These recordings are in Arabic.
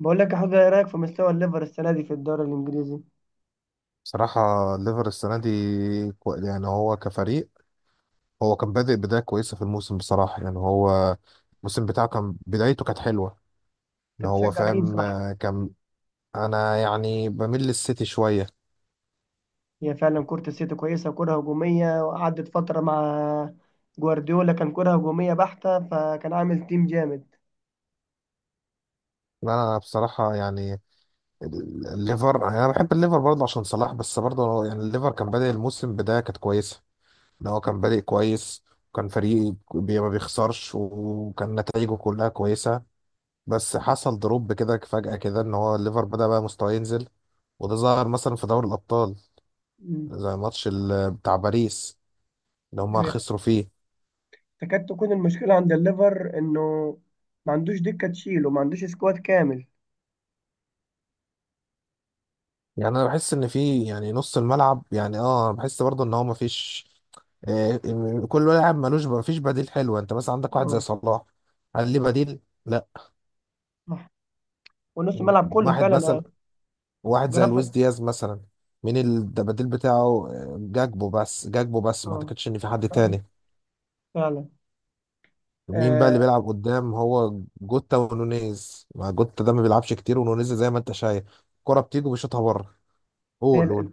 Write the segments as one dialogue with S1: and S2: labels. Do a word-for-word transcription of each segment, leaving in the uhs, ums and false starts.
S1: بقول لك يا حوده، ايه رايك في مستوى الليفر السنه دي في الدوري الانجليزي؟
S2: بصراحة الليفر السنة دي كو- يعني هو كفريق. هو كان بادئ بداية كويسة في الموسم، بصراحة. يعني هو الموسم بتاعه كان بدايته كانت حلوة، ان
S1: انت
S2: هو
S1: بتشجع مين،
S2: فاهم.
S1: صح؟
S2: آه، كان انا يعني بميل للسيتي شوية.
S1: هي فعلا كره السيتي كويسه، كره هجوميه، وقعدت فتره مع جوارديولا. كان كره هجوميه بحته، فكان عامل تيم جامد.
S2: انا بصراحة يعني ال- الليفر، يعني انا بحب الليفر برضه عشان صلاح، بس برضه يعني الليفر كان بادئ الموسم بداية كانت كويسة، ان هو كان بادئ كويس، وكان فريق بي- ما بيخسرش، وكان نتائجه كلها كويسة. بس حصل دروب كده فجأة كده، ان هو الليفر بدأ بقى مستواه ينزل، وده ظهر مثلا في دوري الأبطال،
S1: مم.
S2: زي ماتش ال- بتاع باريس اللي هما خسروا فيه.
S1: تكاد تكون المشكله عند الليفر انه ما عندوش دكه تشيله، ما عندوش سكواد كامل.
S2: يعني انا بحس ان في، يعني، نص الملعب، يعني اه انا بحس برضه ان هو مفيش، آه، م- كل لاعب ملوش، مفيش بديل حلو. انت مثلا عندك واحد زي
S1: اه.
S2: صلاح، هل ليه بديل؟ لا.
S1: صح. ونص الملعب كله
S2: واحد
S1: فعلا.
S2: مثلا، واحد زي لويس
S1: جرافيك.
S2: دياز مثلا، مين البديل بتاعه؟ آه، جاكبو، بس جاكبو بس ما
S1: اه.
S2: اعتقدش ان في حد
S1: فعلا.
S2: تاني.
S1: فعلا.
S2: مين بقى اللي
S1: آه،
S2: بيلعب قدام؟ هو جوتا ونونيز، مع جوتا ده ما بيلعبش كتير، ونونيز زي ما انت شايف، الكرة بتيجي وبيشوطها بره.
S1: هي
S2: قول، قول.
S1: ال-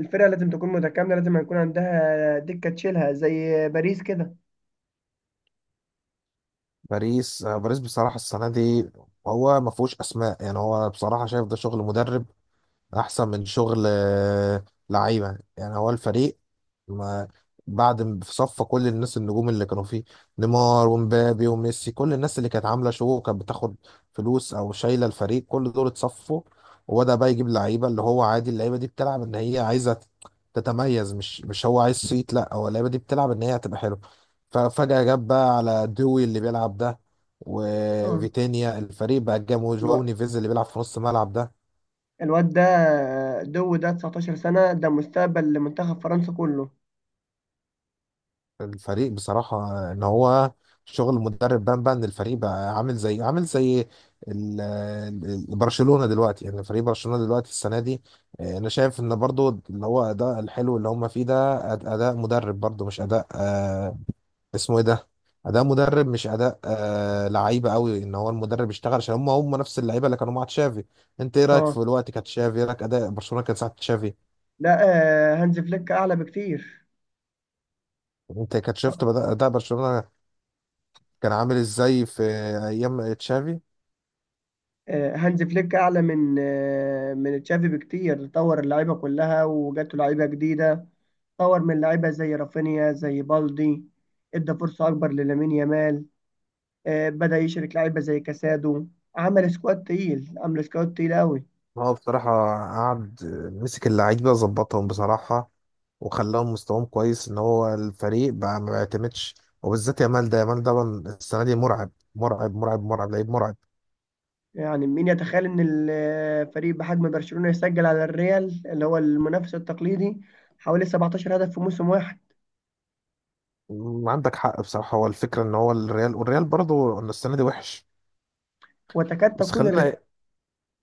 S1: الفرقه لازم تكون متكامله، لازم يكون عندها دكه تشيلها زي باريس كده.
S2: باريس آه، باريس بصراحة السنة دي هو ما فيهوش أسماء. يعني هو بصراحة شايف ده شغل مدرب احسن من شغل آه، لعيبه. يعني هو الفريق ما بعد م- في صفى كل الناس النجوم اللي كانوا فيه، نيمار ومبابي وميسي، كل الناس اللي كانت عامله شو وكانت بتاخد فلوس او شايله الفريق، كل دول اتصفوا. وبدا بقى يجيب لعيبه اللي هو عادي، اللعيبه دي بتلعب ان هي عايزه ت- تتميز، مش مش هو عايز صيت، لا هو اللعيبه دي بتلعب ان هي هتبقى حلوه. ففجاه جاب بقى على دوي اللي بيلعب ده
S1: اه،
S2: وفيتينيا، الفريق بقى جاب، وجواو نيفيز اللي بيلعب في نص الملعب ده.
S1: الواد ده دو ده 19 سنة، ده مستقبل لمنتخب فرنسا كله.
S2: الفريق بصراحة ان هو شغل المدرب بان، بان الفريق بقى عامل زي عامل زي ال- ال- برشلونة دلوقتي. يعني فريق برشلونة دلوقتي السنة دي، آه، انا شايف ان برضو اللي هو اداء الحلو اللي هم فيه ده أد- اداء مدرب، برضو مش اداء، آه، اسمه ايه ده، اداء مدرب مش اداء آه، لعيبة قوي. ان هو المدرب اشتغل عشان هم هم نفس اللعيبة اللي كانوا مع تشافي. انت ايه رايك
S1: اه.
S2: في الوقت كانت تشافي؟ ايه رايك اداء برشلونة كان ساعة تشافي؟
S1: لا. آه، هانز فليك أعلى بكتير.
S2: انت كنت شفت بدأ- اداء برشلونة كان عامل ازاي في ايام تشافي؟
S1: آه، هانز فليك أعلى من آه، من تشافي بكتير. طور اللعيبة كلها وجاته لعيبة جديدة، طور من لعيبة زي رافينيا، زي بالدي، ادى فرصة أكبر للامين يامال. آه، بدأ يشرك لعيبة زي كاسادو. عمل سكواد تقيل، عمل سكواد تقيل أوي.
S2: هو بصراحة قعد مسك اللعيبة ظبطهم بصراحة، وخلاهم مستواهم كويس، ان هو الفريق بقى ما بيعتمدش، وبالذات يامال. ده يامال ده بقى السنة دي مرعب، مرعب، مرعب، مرعب، لعيب مرعب.
S1: يعني مين يتخيل ان الفريق بحجم برشلونة يسجل على الريال اللي هو المنافس التقليدي حوالي 17 هدف في موسم واحد؟
S2: م- عندك حق بصراحة. هو الفكرة ان هو الريال، والريال برضه إن السنة دي وحش.
S1: وتكاد
S2: بس
S1: تكون الر...
S2: خلينا،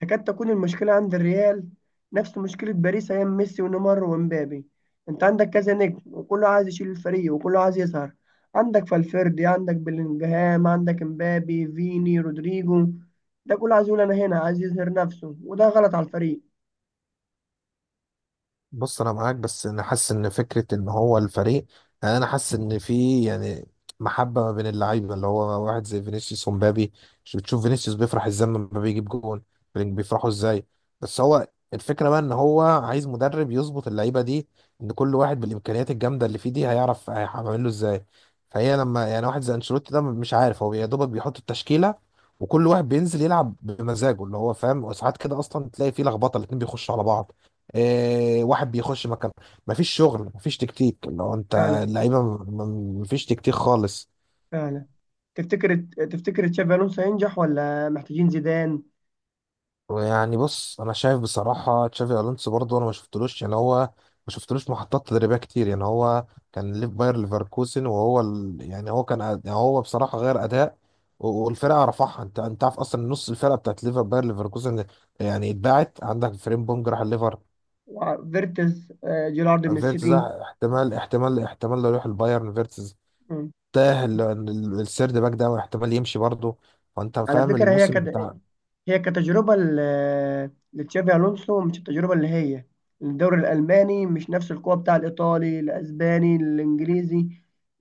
S1: تكاد تكون المشكلة عند الريال نفس مشكلة باريس ايام ميسي ونيمار ومبابي. انت عندك كذا نجم، وكله عايز يشيل الفريق وكله عايز يظهر. عندك فالفيردي، عندك بلينجهام، عندك مبابي، فيني، رودريجو، ده كله عايز يقول انا هنا، عايز يظهر نفسه، وده غلط على الفريق.
S2: بص انا معاك، بس انا حاسس ان فكره ان هو الفريق، يعني انا حاسس ان في، يعني، محبه ما بين اللعيبه، اللي هو واحد زي فينيسيوس ومبابي. مش بتشوف فينيسيوس بيفرح ازاي لما مبابي يجيب جون؟ بيفرحوا ازاي! بس هو الفكره بقى ان هو عايز مدرب يظبط اللعيبه دي، ان كل واحد بالامكانيات الجامده اللي فيه دي هيعرف هيعمل له ازاي. فهي لما يعني واحد زي انشيلوتي ده مش عارف، هو يا دوبك بيحط التشكيله وكل واحد بينزل يلعب بمزاجه اللي هو فاهم، وساعات كده اصلا تلاقي فيه لخبطه، الاتنين بيخشوا على بعض، إيه واحد بيخش مكان، مفيش شغل، مفيش تكتيك. لو انت اللعيبه م- م- مفيش تكتيك خالص.
S1: فعلا. تفتكر تفتكر تشافي الونسو هينجح ولا محتاجين زيدان؟
S2: ويعني بص، انا شايف بصراحه تشافي الونسو برضه انا ما شفتلوش. يعني هو ما شفتلوش محطات تدريبيه كتير. يعني هو كان ليف باير ليفركوزن، وهو ال... يعني هو كان أد- يعني هو بصراحه غير اداء و- والفرقه رفعها. انت انت عارف اصلا نص الفرقه بتاعت ليفر باير ليفركوزن يعني اتباعت. عندك فريمبونج راح الليفر،
S1: وفيرتز، آه، جيرارد من
S2: فيرتز
S1: السيتي.
S2: راح- احتمال، احتمال، احتمال لو يروح البايرن فيرتز.
S1: مم.
S2: تاه ال- ال- السيرد باك ده، واحتمال يمشي برضه. فانت
S1: على
S2: فاهم
S1: فكره هي
S2: الموسم
S1: كد...
S2: بتاع.
S1: هي كتجربه ل- لتشافي الونسو، مش التجربه اللي هي الدوري الالماني، مش نفس القوه بتاع الايطالي الاسباني الانجليزي،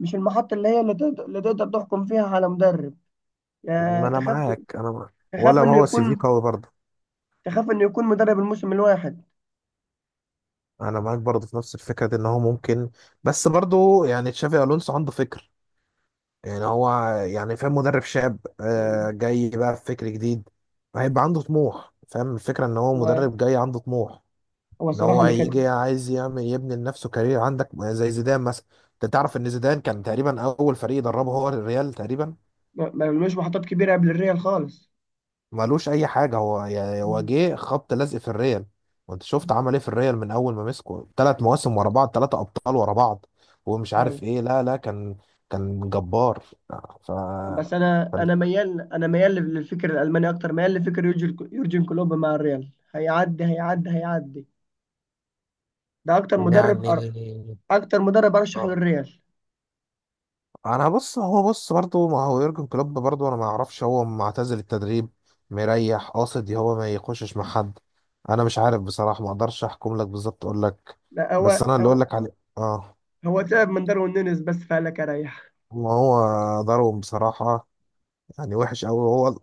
S1: مش المحطه اللي هي اللي تقدر، اللي تقدر تحكم فيها على مدرب. يا
S2: ما انا
S1: تخاف،
S2: معاك، انا معاك. ولا
S1: تخاف انه
S2: هو سي في
S1: يكون،
S2: قوي برضه.
S1: تخاف انه يكون مدرب الموسم الواحد.
S2: انا معاك برضه في نفس الفكره دي ان هو ممكن، بس برضه يعني تشافي الونسو عنده فكر. يعني هو، يعني فاهم، مدرب شاب
S1: مم.
S2: آه، جاي بقى بفكر جديد، هيبقى عنده طموح، فاهم الفكره، ان هو
S1: و-
S2: مدرب جاي عنده طموح،
S1: هو
S2: ان
S1: الصراحه
S2: هو
S1: اللي كان.
S2: هيجي عايز يعمل، يبني لنفسه كارير. عندك زي زيدان مثلا، انت تعرف ان زيدان كان تقريبا اول فريق دربه هو الريال تقريبا،
S1: ما ما عملوش محطات كبيره قبل الريال خالص.
S2: ملوش اي حاجه. هو يا- هو
S1: مم.
S2: جه خبط لزق في الريال، وانت شفت عمل ايه في الريال. من اول ما مسكه ثلاث مواسم ورا بعض، ثلاثه ابطال ورا بعض، ومش عارف
S1: أيوة.
S2: ايه. لا، لا، كان، كان جبار. ف
S1: بس انا
S2: فال-
S1: انا ميال انا ميال للفكر الالماني اكتر، ميال لفكر يورجن يورجن كلوب. مع الريال هيعدي هيعدي هيعدي. ده اكتر مدرب أر...
S2: يعني
S1: اكتر مدرب ارشحه
S2: آه.
S1: للريال.
S2: انا بص، هو بص برضو. ما هو يورجن كلوب برضو انا ما اعرفش هو معتزل التدريب، مريح، قاصد هو ما يخشش مع حد. انا مش عارف بصراحه، ما اقدرش احكم لك بالظبط، اقول لك
S1: لا، هو
S2: بس انا اللي اقول
S1: هو
S2: لك عليه، اه.
S1: هو تعب من داروين نونيز بس، فقالك اريح.
S2: ما هو ضرهم بصراحة، يعني وحش قوي، وهو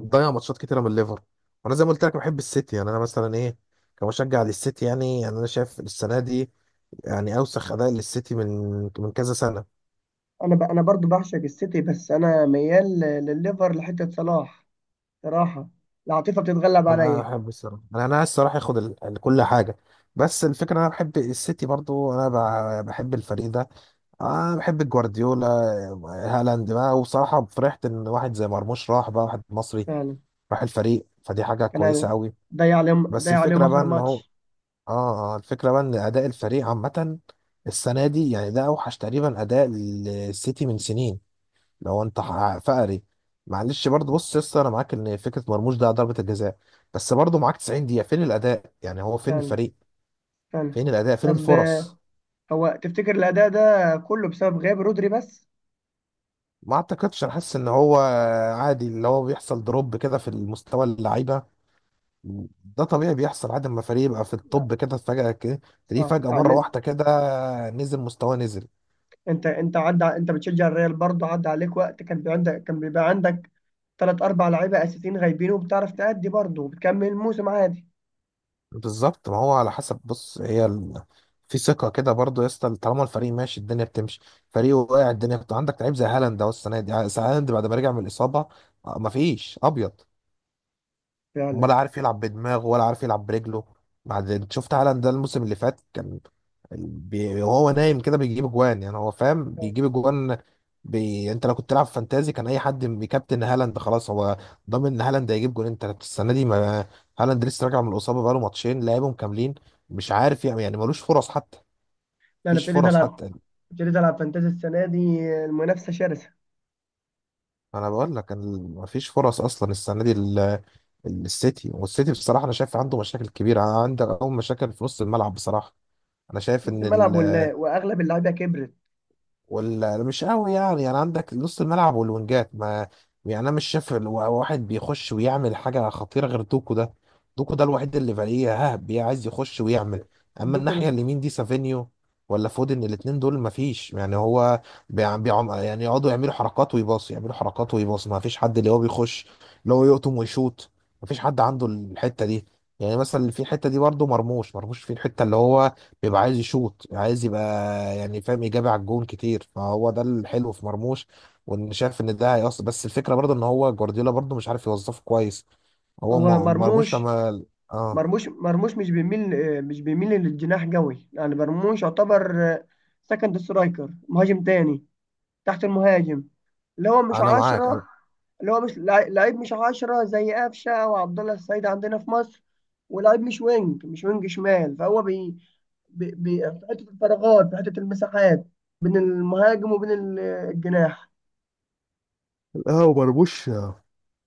S2: ضيع ماتشات كتيره من الليفر. وانا زي ما قلت لك بحب السيتي، يعني انا مثلا ايه، كمشجع للسيتي يعني يعني انا شايف السنه دي يعني اوسخ اداء للسيتي من من كذا سنه.
S1: انا ب... انا برضو بعشق السيتي، بس انا ميال ل- للليفر لحته صلاح. صراحه، العاطفه بتتغلب
S2: انا
S1: عليا.
S2: احب الصراحه، انا انا عايز الصراحه ياخد ال- ال- كل حاجه. بس الفكره، انا بحب السيتي برضو، انا ب- بحب الفريق ده، انا بحب جوارديولا. هالاند بقى، وصراحه فرحت ان واحد زي مرموش راح، بقى واحد مصري
S1: فعلا.
S2: راح الفريق، فدي حاجه كويسه
S1: كان،
S2: قوي.
S1: ضيع عليهم
S2: بس
S1: ضيع عليهم
S2: الفكره بقى
S1: اخر
S2: ان هو،
S1: ماتش.
S2: اه اه الفكرة بقى ان اداء الفريق عامة السنة دي، يعني ده اوحش تقريبا اداء للسيتي من سنين. لو انت ح- فقري، معلش برضه، بص يا اسطى انا معاك ان فكرة مرموش ده ضربة الجزاء، بس برضه معاك تسعين دقيقة، فين الاداء؟ يعني هو فين
S1: فعلا.
S2: الفريق؟
S1: فعلا.
S2: فين الاداء؟ فين
S1: طب،
S2: الفرص؟
S1: هو تفتكر الأداء ده كله بسبب غياب رودري بس؟
S2: ما اعتقدش. انا حاسس ان هو عادي، اللي هو بيحصل دروب كده في المستوى اللعيبة، ده طبيعي بيحصل عادي لما فريق يبقى في
S1: لا.
S2: الطب كده فجأة كده، تلاقيه
S1: صح
S2: فجأة مرة
S1: يعني.
S2: واحدة كده نزل مستواه نزل.
S1: أنت أنت عدى أنت بتشجع الريال برضه، عدى عليك وقت كان بيبقى عندك، كان بيبقى عندك تلات أربع لعيبة أساسيين غايبين وبتعرف تأدي برضه وبتكمل الموسم عادي.
S2: بالظبط، ما هو على حسب، بص هي ال... في ثقة كده برضه يا اسطى، طالما الفريق ماشي الدنيا بتمشي، فريق واقع الدنيا بت... عندك لعيب زي هالاند، اهو السنة دي هالاند بعد ما رجع من الإصابة، آه، مفيش أبيض،
S1: فعلا.
S2: ولا عارف يلعب بدماغه، ولا عارف يلعب برجله. بعد، شفت هالاند ده الموسم اللي فات كان بي... وهو نايم كده بيجيب اجوان، يعني هو فاهم بيجيب اجوان. بي... انت لو كنت تلعب فانتازي كان اي حد بيكابتن هالاند، خلاص هو ضامن ان هالاند هيجيب جون. انت السنه دي ما، هالاند لسه راجع من الاصابه، بقاله ماتشين لعبهم كاملين، مش عارف يعني يعني ملوش فرص حتى،
S1: أنا
S2: مفيش
S1: ابتديت
S2: فرص
S1: ألعب
S2: حتى.
S1: ابتديت ألعب فانتازي السنة دي، المنافسة شرسة.
S2: انا بقول لك ال- مفيش فرص اصلا السنه دي ال- ال- السيتي، والسيتي بصراحه انا شايف عنده مشاكل كبيره. عنده اول مشاكل في نص الملعب بصراحه، انا شايف
S1: نص
S2: ان
S1: الملعب ولا وأغلب اللعيبة كبرت.
S2: ولا مش قوي يعني يعني عندك نص الملعب والوينجات ما، يعني انا مش شايف ال- واحد بيخش ويعمل حاجه خطيره غير دوكو ده. دوكو ده الوحيد اللي فاريه ها بي- عايز يخش ويعمل. اما
S1: دوكو.
S2: الناحيه اليمين دي سافينيو ولا فودن، الاتنين دول ما فيش، يعني هو بيع- بيعم، يعني يقعدوا يعملوا حركات ويباص، يعملوا حركات ويباص، ما فيش حد اللي هو بيخش، اللي هو يقطم ويشوط، ما فيش حد عنده الحته دي. يعني مثلا في الحته دي برضه مرموش. مرموش في الحته اللي هو بيبقى عايز يشوط، عايز يبقى يعني فاهم، يجابه على الجون كتير، فهو ده الحلو في مرموش، وان شايف ان ده هيأثر. بس الفكره برضه ان هو جوارديولا برضه مش عارف يوظفه كويس. هو
S1: هو
S2: م- مرموش
S1: مرموش
S2: لما، اه،
S1: مرموش مرموش مش بيميل، آه، مش بيميل للجناح قوي، يعني مرموش يعتبر سكند سترايكر، مهاجم تاني، تحت المهاجم، اللي هو مش
S2: انا معاك. أنا-
S1: عشرة. اللي هو مش لع- لعيب مش عشرة زي قفشة أو عبد الله السعيد عندنا في مصر، ولعيب مش وينج، مش وينج شمال، فهو بي بي بي في حتة الفراغات، في حتة المساحات بين المهاجم وبين ال- الجناح.
S2: لا، هو مرموش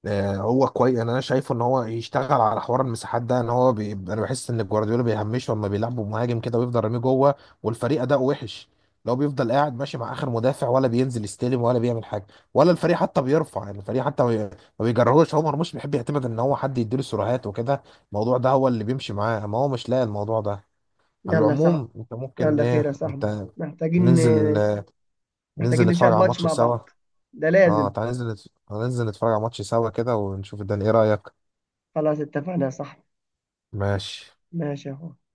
S2: آه، هو كويس. انا أنا شايفه ان هو يشتغل على حوار المساحات ده، ان هو بي... انا بحس ان جوارديولا بيهمشه لما بيلعبوا مهاجم كده، ويفضل راميه جوه والفريق اداؤه وحش، لو بيفضل قاعد ماشي مع اخر مدافع، ولا بينزل يستلم، ولا بيعمل حاجه، ولا الفريق حتى بيرفع. يعني الفريق حتى ما بي- ما بيجرهوش. هو مرموش بيحب يعتمد ان هو حد يديله سيروهات وكده، الموضوع ده هو اللي بيمشي معاه، ما هو مش لاقي الموضوع ده. على
S1: يلا يا صاحبي.
S2: العموم انت ممكن
S1: يلا خير
S2: ايه،
S1: يا صاحبي،
S2: انت،
S1: محتاجين
S2: ننزل، ننزل
S1: محتاجين نشاهد
S2: نتفرج على
S1: ماتش
S2: ماتش
S1: مع
S2: سوا.
S1: بعض، ده
S2: اه
S1: لازم.
S2: تعال، ننزل نت- ننزل نتفرج على ماتش سوا كده ونشوف الدنيا. ايه رأيك؟
S1: خلاص، اتفقنا يا صاحبي.
S2: ماشي.
S1: ماشي يا أخوي.